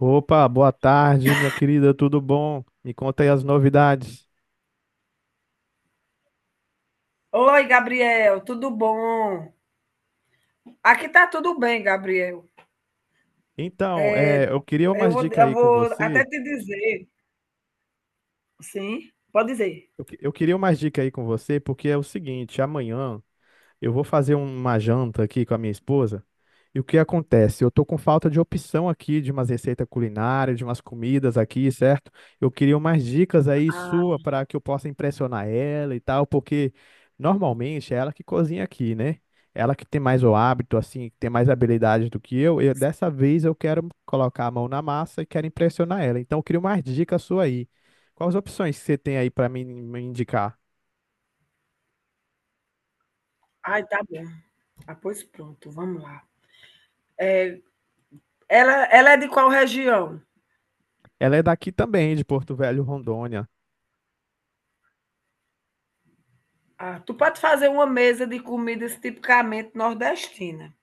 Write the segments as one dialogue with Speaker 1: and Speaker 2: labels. Speaker 1: Opa, boa tarde, minha querida, tudo bom? Me conta aí as novidades.
Speaker 2: Oi, Gabriel, tudo bom? Aqui tá tudo bem, Gabriel.
Speaker 1: Eu queria
Speaker 2: Eu
Speaker 1: umas
Speaker 2: vou,
Speaker 1: dicas
Speaker 2: eu
Speaker 1: aí com
Speaker 2: vou até
Speaker 1: você.
Speaker 2: te dizer. Sim, pode dizer.
Speaker 1: Eu queria umas dicas aí com você, porque é o seguinte, amanhã eu vou fazer uma janta aqui com a minha esposa. E o que acontece? Eu tô com falta de opção aqui, de umas receitas culinárias, de umas comidas aqui, certo? Eu queria umas dicas aí
Speaker 2: Ah,
Speaker 1: sua para que eu possa impressionar ela e tal, porque normalmente é ela que cozinha aqui, né? Ela que tem mais o hábito, assim, que tem mais habilidade do que eu. E dessa vez eu quero colocar a mão na massa e quero impressionar ela. Então eu queria umas dicas sua aí. Quais opções que você tem aí para me indicar?
Speaker 2: ai, tá bom. Ah, pois pronto, vamos lá. Ela é de qual região?
Speaker 1: Ela é daqui também, de Porto Velho, Rondônia.
Speaker 2: Ah, tu pode fazer uma mesa de comidas tipicamente nordestina.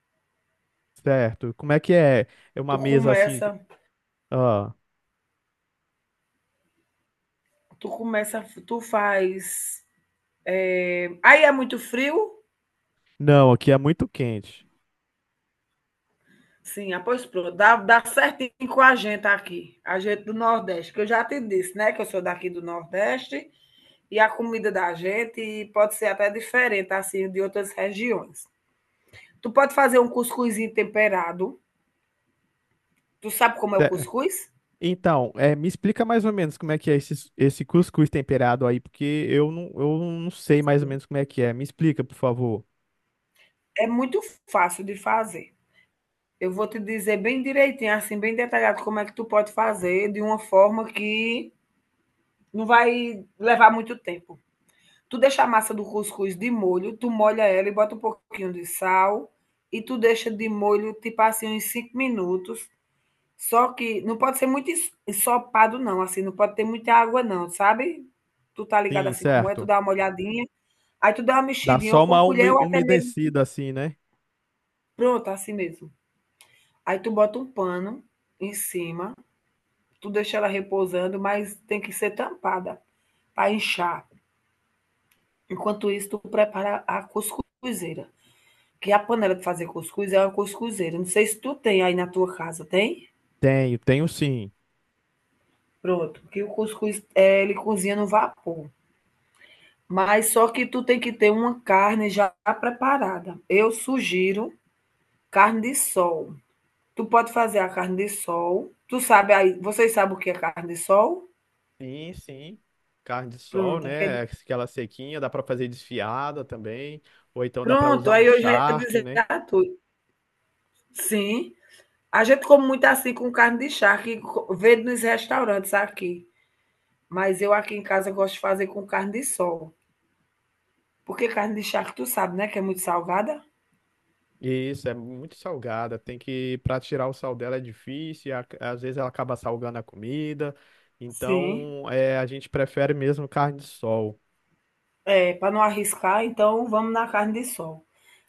Speaker 1: Certo. Como é que é? É uma
Speaker 2: Tu
Speaker 1: mesa assim.
Speaker 2: começa,
Speaker 1: Ah,
Speaker 2: tu começa, tu faz. Aí é muito frio?
Speaker 1: não, aqui é muito quente.
Speaker 2: Sim, ah, pois pronto, dá certinho com a gente aqui, a gente do Nordeste, que eu já te disse, né, que eu sou daqui do Nordeste. E a comida da gente pode ser até diferente assim de outras regiões. Tu pode fazer um cuscuzinho temperado. Tu sabe como é o
Speaker 1: Ce-
Speaker 2: cuscuz?
Speaker 1: Então, me explica mais ou menos como é que é esse cuscuz temperado aí, porque eu não sei mais ou menos como é que é. Me explica, por favor.
Speaker 2: É muito fácil de fazer. Eu vou te dizer bem direitinho, assim, bem detalhado como é que tu pode fazer de uma forma que não vai levar muito tempo. Tu deixa a massa do cuscuz de molho, tu molha ela e bota um pouquinho de sal, e tu deixa de molho tipo assim uns 5 minutos. Só que não pode ser muito ensopado não, assim, não pode ter muita água não, sabe. Tu tá ligado
Speaker 1: Sim,
Speaker 2: assim como é, tu
Speaker 1: certo.
Speaker 2: dá uma olhadinha, aí tu dá uma
Speaker 1: Dá
Speaker 2: mexidinha ou
Speaker 1: só
Speaker 2: com a
Speaker 1: uma
Speaker 2: colher ou até mesmo,
Speaker 1: umedecida assim, né?
Speaker 2: pronto, assim mesmo. Aí tu bota um pano em cima, tu deixa ela repousando, mas tem que ser tampada para inchar. Enquanto isso, tu prepara a cuscuzeira, que a panela de fazer cuscuz é uma cuscuzeira, não sei se tu tem aí na tua casa, tem?
Speaker 1: Tenho, tenho sim.
Speaker 2: Pronto, que o cuscuz, ele cozinha no vapor. Mas só que tu tem que ter uma carne já preparada. Eu sugiro carne de sol. Tu pode fazer a carne de sol. Tu sabe aí, vocês sabem o que é carne de sol?
Speaker 1: Sim, sim. Carne de sol,
Speaker 2: Pronto,
Speaker 1: né? É aquela sequinha, dá para fazer desfiada também, ou então dá para
Speaker 2: pronto,
Speaker 1: usar um
Speaker 2: aí eu já ia
Speaker 1: charque,
Speaker 2: dizer
Speaker 1: né?
Speaker 2: a tu. Sim, a gente come muito assim com carne de charque, vende nos restaurantes aqui. Mas eu aqui em casa gosto de fazer com carne de sol. Porque carne de charque, tu sabe, né, que é muito salgada?
Speaker 1: Isso, é muito salgada. Para tirar o sal dela é difícil, e às vezes ela acaba salgando a comida.
Speaker 2: Sim.
Speaker 1: Então, a gente prefere mesmo carne de sol.
Speaker 2: É, para não arriscar, então vamos na carne de sol.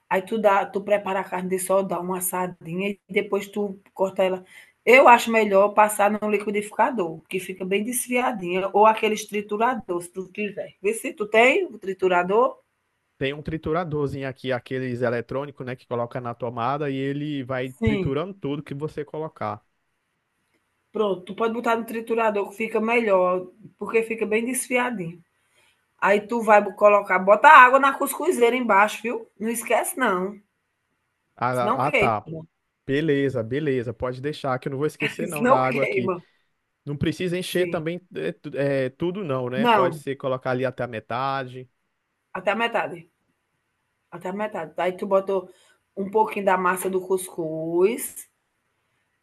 Speaker 2: Aí tu prepara a carne de sol, dá uma assadinha e depois tu corta ela. Eu acho melhor passar no liquidificador, que fica bem desfiadinha, ou aqueles triturador, se tu quiser. Vê se tu tem o triturador.
Speaker 1: Tem um trituradorzinho aqui, aqueles eletrônicos, né, que coloca na tomada e ele vai
Speaker 2: Sim.
Speaker 1: triturando tudo que você colocar.
Speaker 2: Pronto, tu pode botar no triturador que fica melhor, porque fica bem desfiadinho. Aí tu vai colocar, bota água na cuscuzeira embaixo, viu? Não esquece não,
Speaker 1: Ah,
Speaker 2: senão
Speaker 1: ah,
Speaker 2: queima,
Speaker 1: tá. Beleza, beleza, pode deixar que eu não vou esquecer não da
Speaker 2: senão
Speaker 1: água aqui.
Speaker 2: queima.
Speaker 1: Não precisa encher
Speaker 2: Sim.
Speaker 1: também tudo não, né? Pode
Speaker 2: Não,
Speaker 1: ser colocar ali até a metade.
Speaker 2: até a metade. Até a metade. Aí tu botou um pouquinho da massa do cuscuz,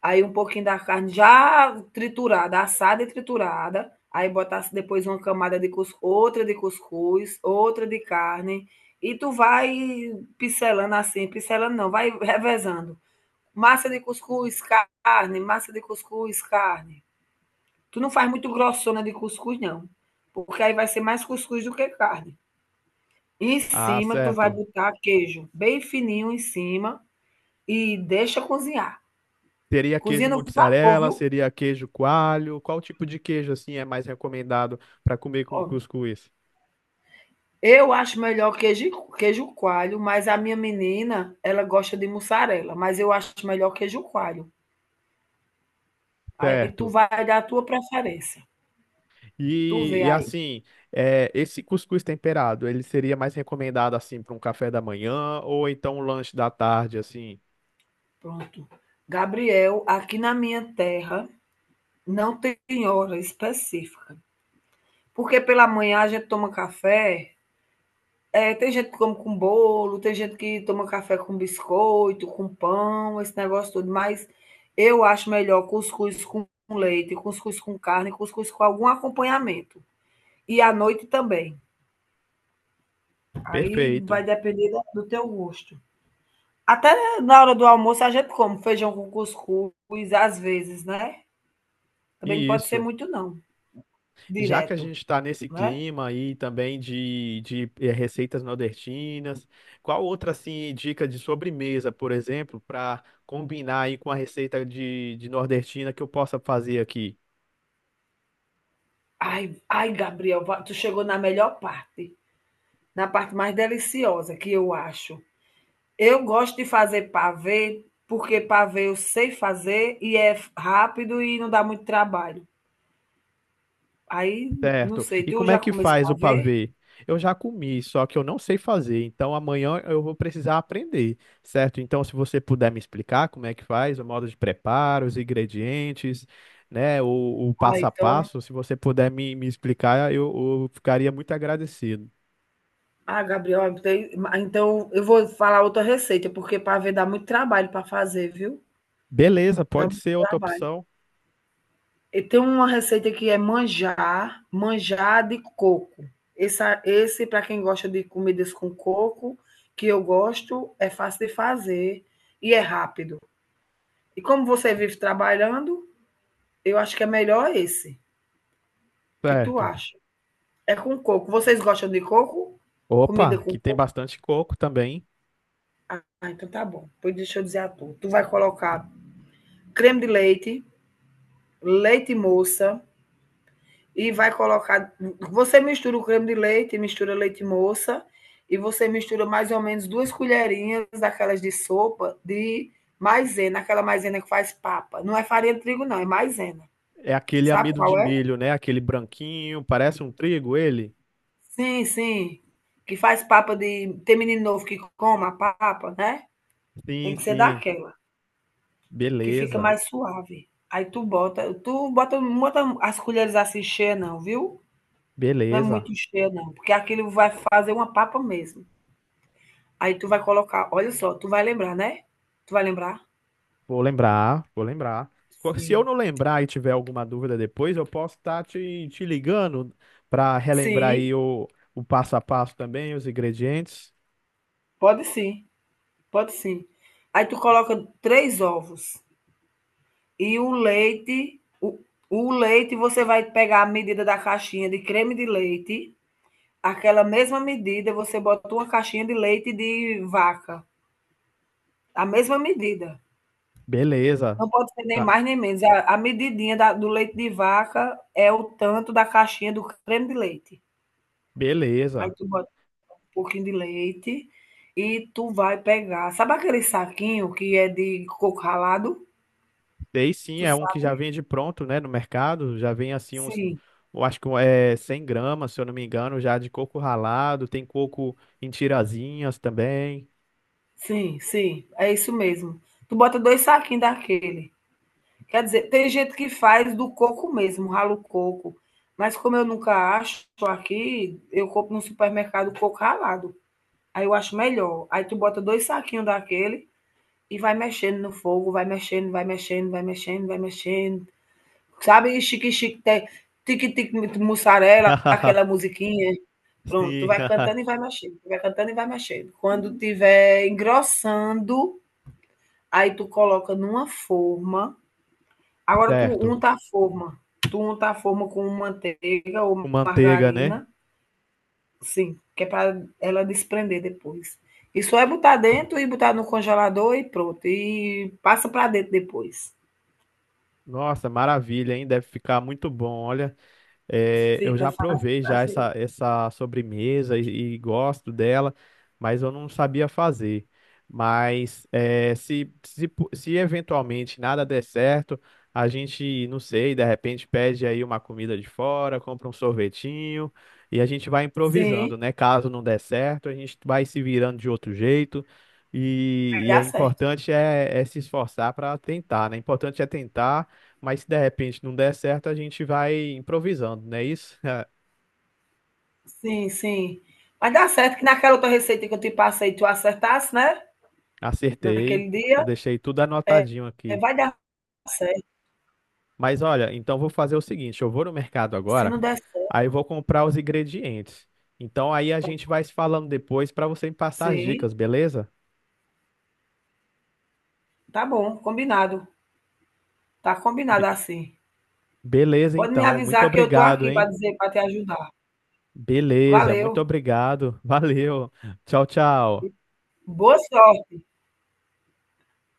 Speaker 2: aí um pouquinho da carne já triturada, assada e triturada. Aí botasse depois uma camada de cuscuz, outra de cuscuz, outra de carne. E tu vai pincelando assim, pincelando não, vai revezando. Massa de cuscuz, carne, massa de cuscuz, carne. Tu não faz muito grossona de cuscuz, não. Porque aí vai ser mais cuscuz do que carne. Em
Speaker 1: Ah,
Speaker 2: cima, tu vai
Speaker 1: certo.
Speaker 2: botar queijo bem fininho em cima. E deixa cozinhar.
Speaker 1: Seria queijo
Speaker 2: Cozinha no vapor,
Speaker 1: mussarela,
Speaker 2: viu?
Speaker 1: seria queijo coalho. Qual tipo de queijo assim é mais recomendado para comer com
Speaker 2: Ó,
Speaker 1: cuscuz?
Speaker 2: eu acho melhor queijo coalho, mas a minha menina, ela gosta de mussarela, mas eu acho melhor queijo coalho. Aí tu
Speaker 1: Certo.
Speaker 2: vai dar a tua preferência. Tu
Speaker 1: E,
Speaker 2: vê
Speaker 1: e
Speaker 2: aí.
Speaker 1: assim, Esse cuscuz temperado, ele seria mais recomendado assim para um café da manhã ou então um lanche da tarde, assim.
Speaker 2: Pronto. Gabriel, aqui na minha terra não tem hora específica. Porque pela manhã a gente toma café. É, tem gente que come com bolo, tem gente que toma café com biscoito, com pão, esse negócio todo, mas eu acho melhor cuscuz com leite, cuscuz com carne, cuscuz com algum acompanhamento. E à noite também. Aí
Speaker 1: Perfeito.
Speaker 2: vai depender do teu gosto. Até na hora do almoço a gente come feijão com cuscuz, às vezes, né? Também não
Speaker 1: E
Speaker 2: pode ser
Speaker 1: isso.
Speaker 2: muito, não,
Speaker 1: Já que a
Speaker 2: direto,
Speaker 1: gente está nesse
Speaker 2: né?
Speaker 1: clima aí também de receitas nordestinas, qual outra assim dica de sobremesa, por exemplo, para combinar aí com a receita de nordestina que eu possa fazer aqui?
Speaker 2: Ai, ai, Gabriel, tu chegou na melhor parte, na parte mais deliciosa que eu acho. Eu gosto de fazer pavê, porque pavê eu sei fazer e é rápido e não dá muito trabalho. Aí, não
Speaker 1: Certo.
Speaker 2: sei,
Speaker 1: E
Speaker 2: tu
Speaker 1: como é
Speaker 2: já
Speaker 1: que
Speaker 2: comesse
Speaker 1: faz o
Speaker 2: pavê?
Speaker 1: pavê? Eu já comi, só que eu não sei fazer, então amanhã eu vou precisar aprender, certo? Então, se você puder me explicar como é que faz, o modo de preparo, os ingredientes, né, o
Speaker 2: Ah,
Speaker 1: passo a
Speaker 2: então
Speaker 1: passo, se você puder me explicar, eu ficaria muito agradecido.
Speaker 2: ah, Gabriel, tem então eu vou falar outra receita, porque pavê dá muito trabalho para fazer, viu.
Speaker 1: Beleza,
Speaker 2: Dá
Speaker 1: pode
Speaker 2: muito
Speaker 1: ser outra
Speaker 2: trabalho.
Speaker 1: opção,
Speaker 2: E tem uma receita que é manjar de coco. Esse para quem gosta de comidas com coco, que eu gosto, é fácil de fazer e é rápido. E como você vive trabalhando, eu acho que é melhor esse. O que tu
Speaker 1: certo?
Speaker 2: acha? É com coco. Vocês gostam de coco?
Speaker 1: Opa,
Speaker 2: Comida com
Speaker 1: aqui tem
Speaker 2: coco?
Speaker 1: bastante coco também.
Speaker 2: Ah, então tá bom. Pois deixa eu dizer a tu. Tu vai colocar creme de leite, leite moça, e vai colocar. Você mistura o creme de leite, mistura leite moça, e você mistura mais ou menos duas colherinhas daquelas de sopa de maisena, aquela maisena que faz papa. Não é farinha de trigo, não, é maisena.
Speaker 1: É aquele
Speaker 2: Sabe
Speaker 1: amido de
Speaker 2: qual é?
Speaker 1: milho, né? Aquele branquinho, parece um trigo ele?
Speaker 2: Sim, sim. Que faz papa de. Tem menino novo que coma a papa, né? Tem
Speaker 1: Sim,
Speaker 2: que ser
Speaker 1: sim.
Speaker 2: daquela, que fica
Speaker 1: Beleza.
Speaker 2: mais suave. Aí tu bota, não bota as colheres assim cheias, não, viu? Não é
Speaker 1: Beleza.
Speaker 2: muito cheia, não, porque aquilo vai fazer uma papa mesmo. Aí tu vai colocar, olha só, tu vai lembrar, né? Tu vai lembrar?
Speaker 1: Vou lembrar, vou lembrar. Se eu
Speaker 2: Sim.
Speaker 1: não lembrar e tiver alguma dúvida depois, eu posso estar te ligando para relembrar
Speaker 2: Sim,
Speaker 1: aí o passo a passo também, os ingredientes.
Speaker 2: pode sim, pode sim. Aí tu coloca 3 ovos. E o leite, o, o leite, você vai pegar a medida da caixinha de creme de leite, aquela mesma medida, você bota uma caixinha de leite de vaca, a mesma medida.
Speaker 1: Beleza.
Speaker 2: Não pode ser nem
Speaker 1: Tá.
Speaker 2: mais nem menos. A medidinha do leite de vaca é o tanto da caixinha do creme de leite. Aí
Speaker 1: Beleza.
Speaker 2: tu bota um pouquinho de leite e tu vai pegar. Sabe aquele saquinho que é de coco ralado?
Speaker 1: Sei sim,
Speaker 2: Tu
Speaker 1: é um que já
Speaker 2: sabe?
Speaker 1: vende pronto, né, no mercado. Já vem assim uns,
Speaker 2: Sim.
Speaker 1: eu acho que é 100 g, se eu não me engano, já de coco ralado. Tem coco em tirazinhas também.
Speaker 2: Sim, sim, é isso mesmo. Tu bota 2 saquinhos daquele. Quer dizer, tem gente que faz do coco mesmo, rala o coco. Mas como eu nunca acho aqui, eu compro no supermercado coco ralado. Aí eu acho melhor. Aí tu bota 2 saquinhos daquele e vai mexendo no fogo, vai mexendo, vai mexendo, vai mexendo, vai mexendo. Sabe, chique-chique, tique-tique, mussarela, aquela musiquinha. Pronto, tu
Speaker 1: Sim,
Speaker 2: vai cantando e vai mexendo, tu vai cantando e vai mexendo. Quando tiver engrossando, aí tu coloca numa forma. Agora tu
Speaker 1: certo.
Speaker 2: unta a forma. Tu unta a forma com manteiga
Speaker 1: Com
Speaker 2: ou
Speaker 1: manteiga, né?
Speaker 2: margarina, sim, que é para ela desprender depois. E só é botar dentro e botar no congelador e pronto. E passa para dentro depois.
Speaker 1: Nossa, maravilha, hein? Deve ficar muito bom. Olha, eu
Speaker 2: Fica
Speaker 1: já
Speaker 2: fácil
Speaker 1: provei já
Speaker 2: fazer.
Speaker 1: essa sobremesa e gosto dela, mas eu não sabia fazer. Mas se eventualmente nada der certo, a gente, não sei, de repente pede aí uma comida de fora, compra um sorvetinho e a gente vai
Speaker 2: Sim,
Speaker 1: improvisando, né? Caso não der certo, a gente vai se virando de outro jeito.
Speaker 2: vai dar certo.
Speaker 1: É se esforçar para tentar, né? Importante é tentar, mas se de repente não der certo, a gente vai improvisando, não é isso?
Speaker 2: Sim, sim. Vai dar certo que naquela outra receita que eu te passei, tu acertasse, né?
Speaker 1: Acertei,
Speaker 2: Naquele
Speaker 1: eu
Speaker 2: dia,
Speaker 1: deixei tudo
Speaker 2: é,
Speaker 1: anotadinho aqui.
Speaker 2: vai dar certo.
Speaker 1: Mas olha, então vou fazer o seguinte: eu vou no mercado
Speaker 2: Se
Speaker 1: agora,
Speaker 2: não der
Speaker 1: aí
Speaker 2: certo,
Speaker 1: eu vou comprar os ingredientes. Então aí a gente vai se falando depois para você me passar as
Speaker 2: sim.
Speaker 1: dicas, beleza?
Speaker 2: Tá bom, combinado. Tá combinado
Speaker 1: Be-
Speaker 2: assim.
Speaker 1: Beleza,
Speaker 2: Pode me
Speaker 1: então. Muito
Speaker 2: avisar que eu tô
Speaker 1: obrigado,
Speaker 2: aqui para
Speaker 1: hein?
Speaker 2: dizer, para te ajudar.
Speaker 1: Beleza, muito
Speaker 2: Valeu.
Speaker 1: obrigado. Valeu. Tchau, tchau.
Speaker 2: Boa sorte.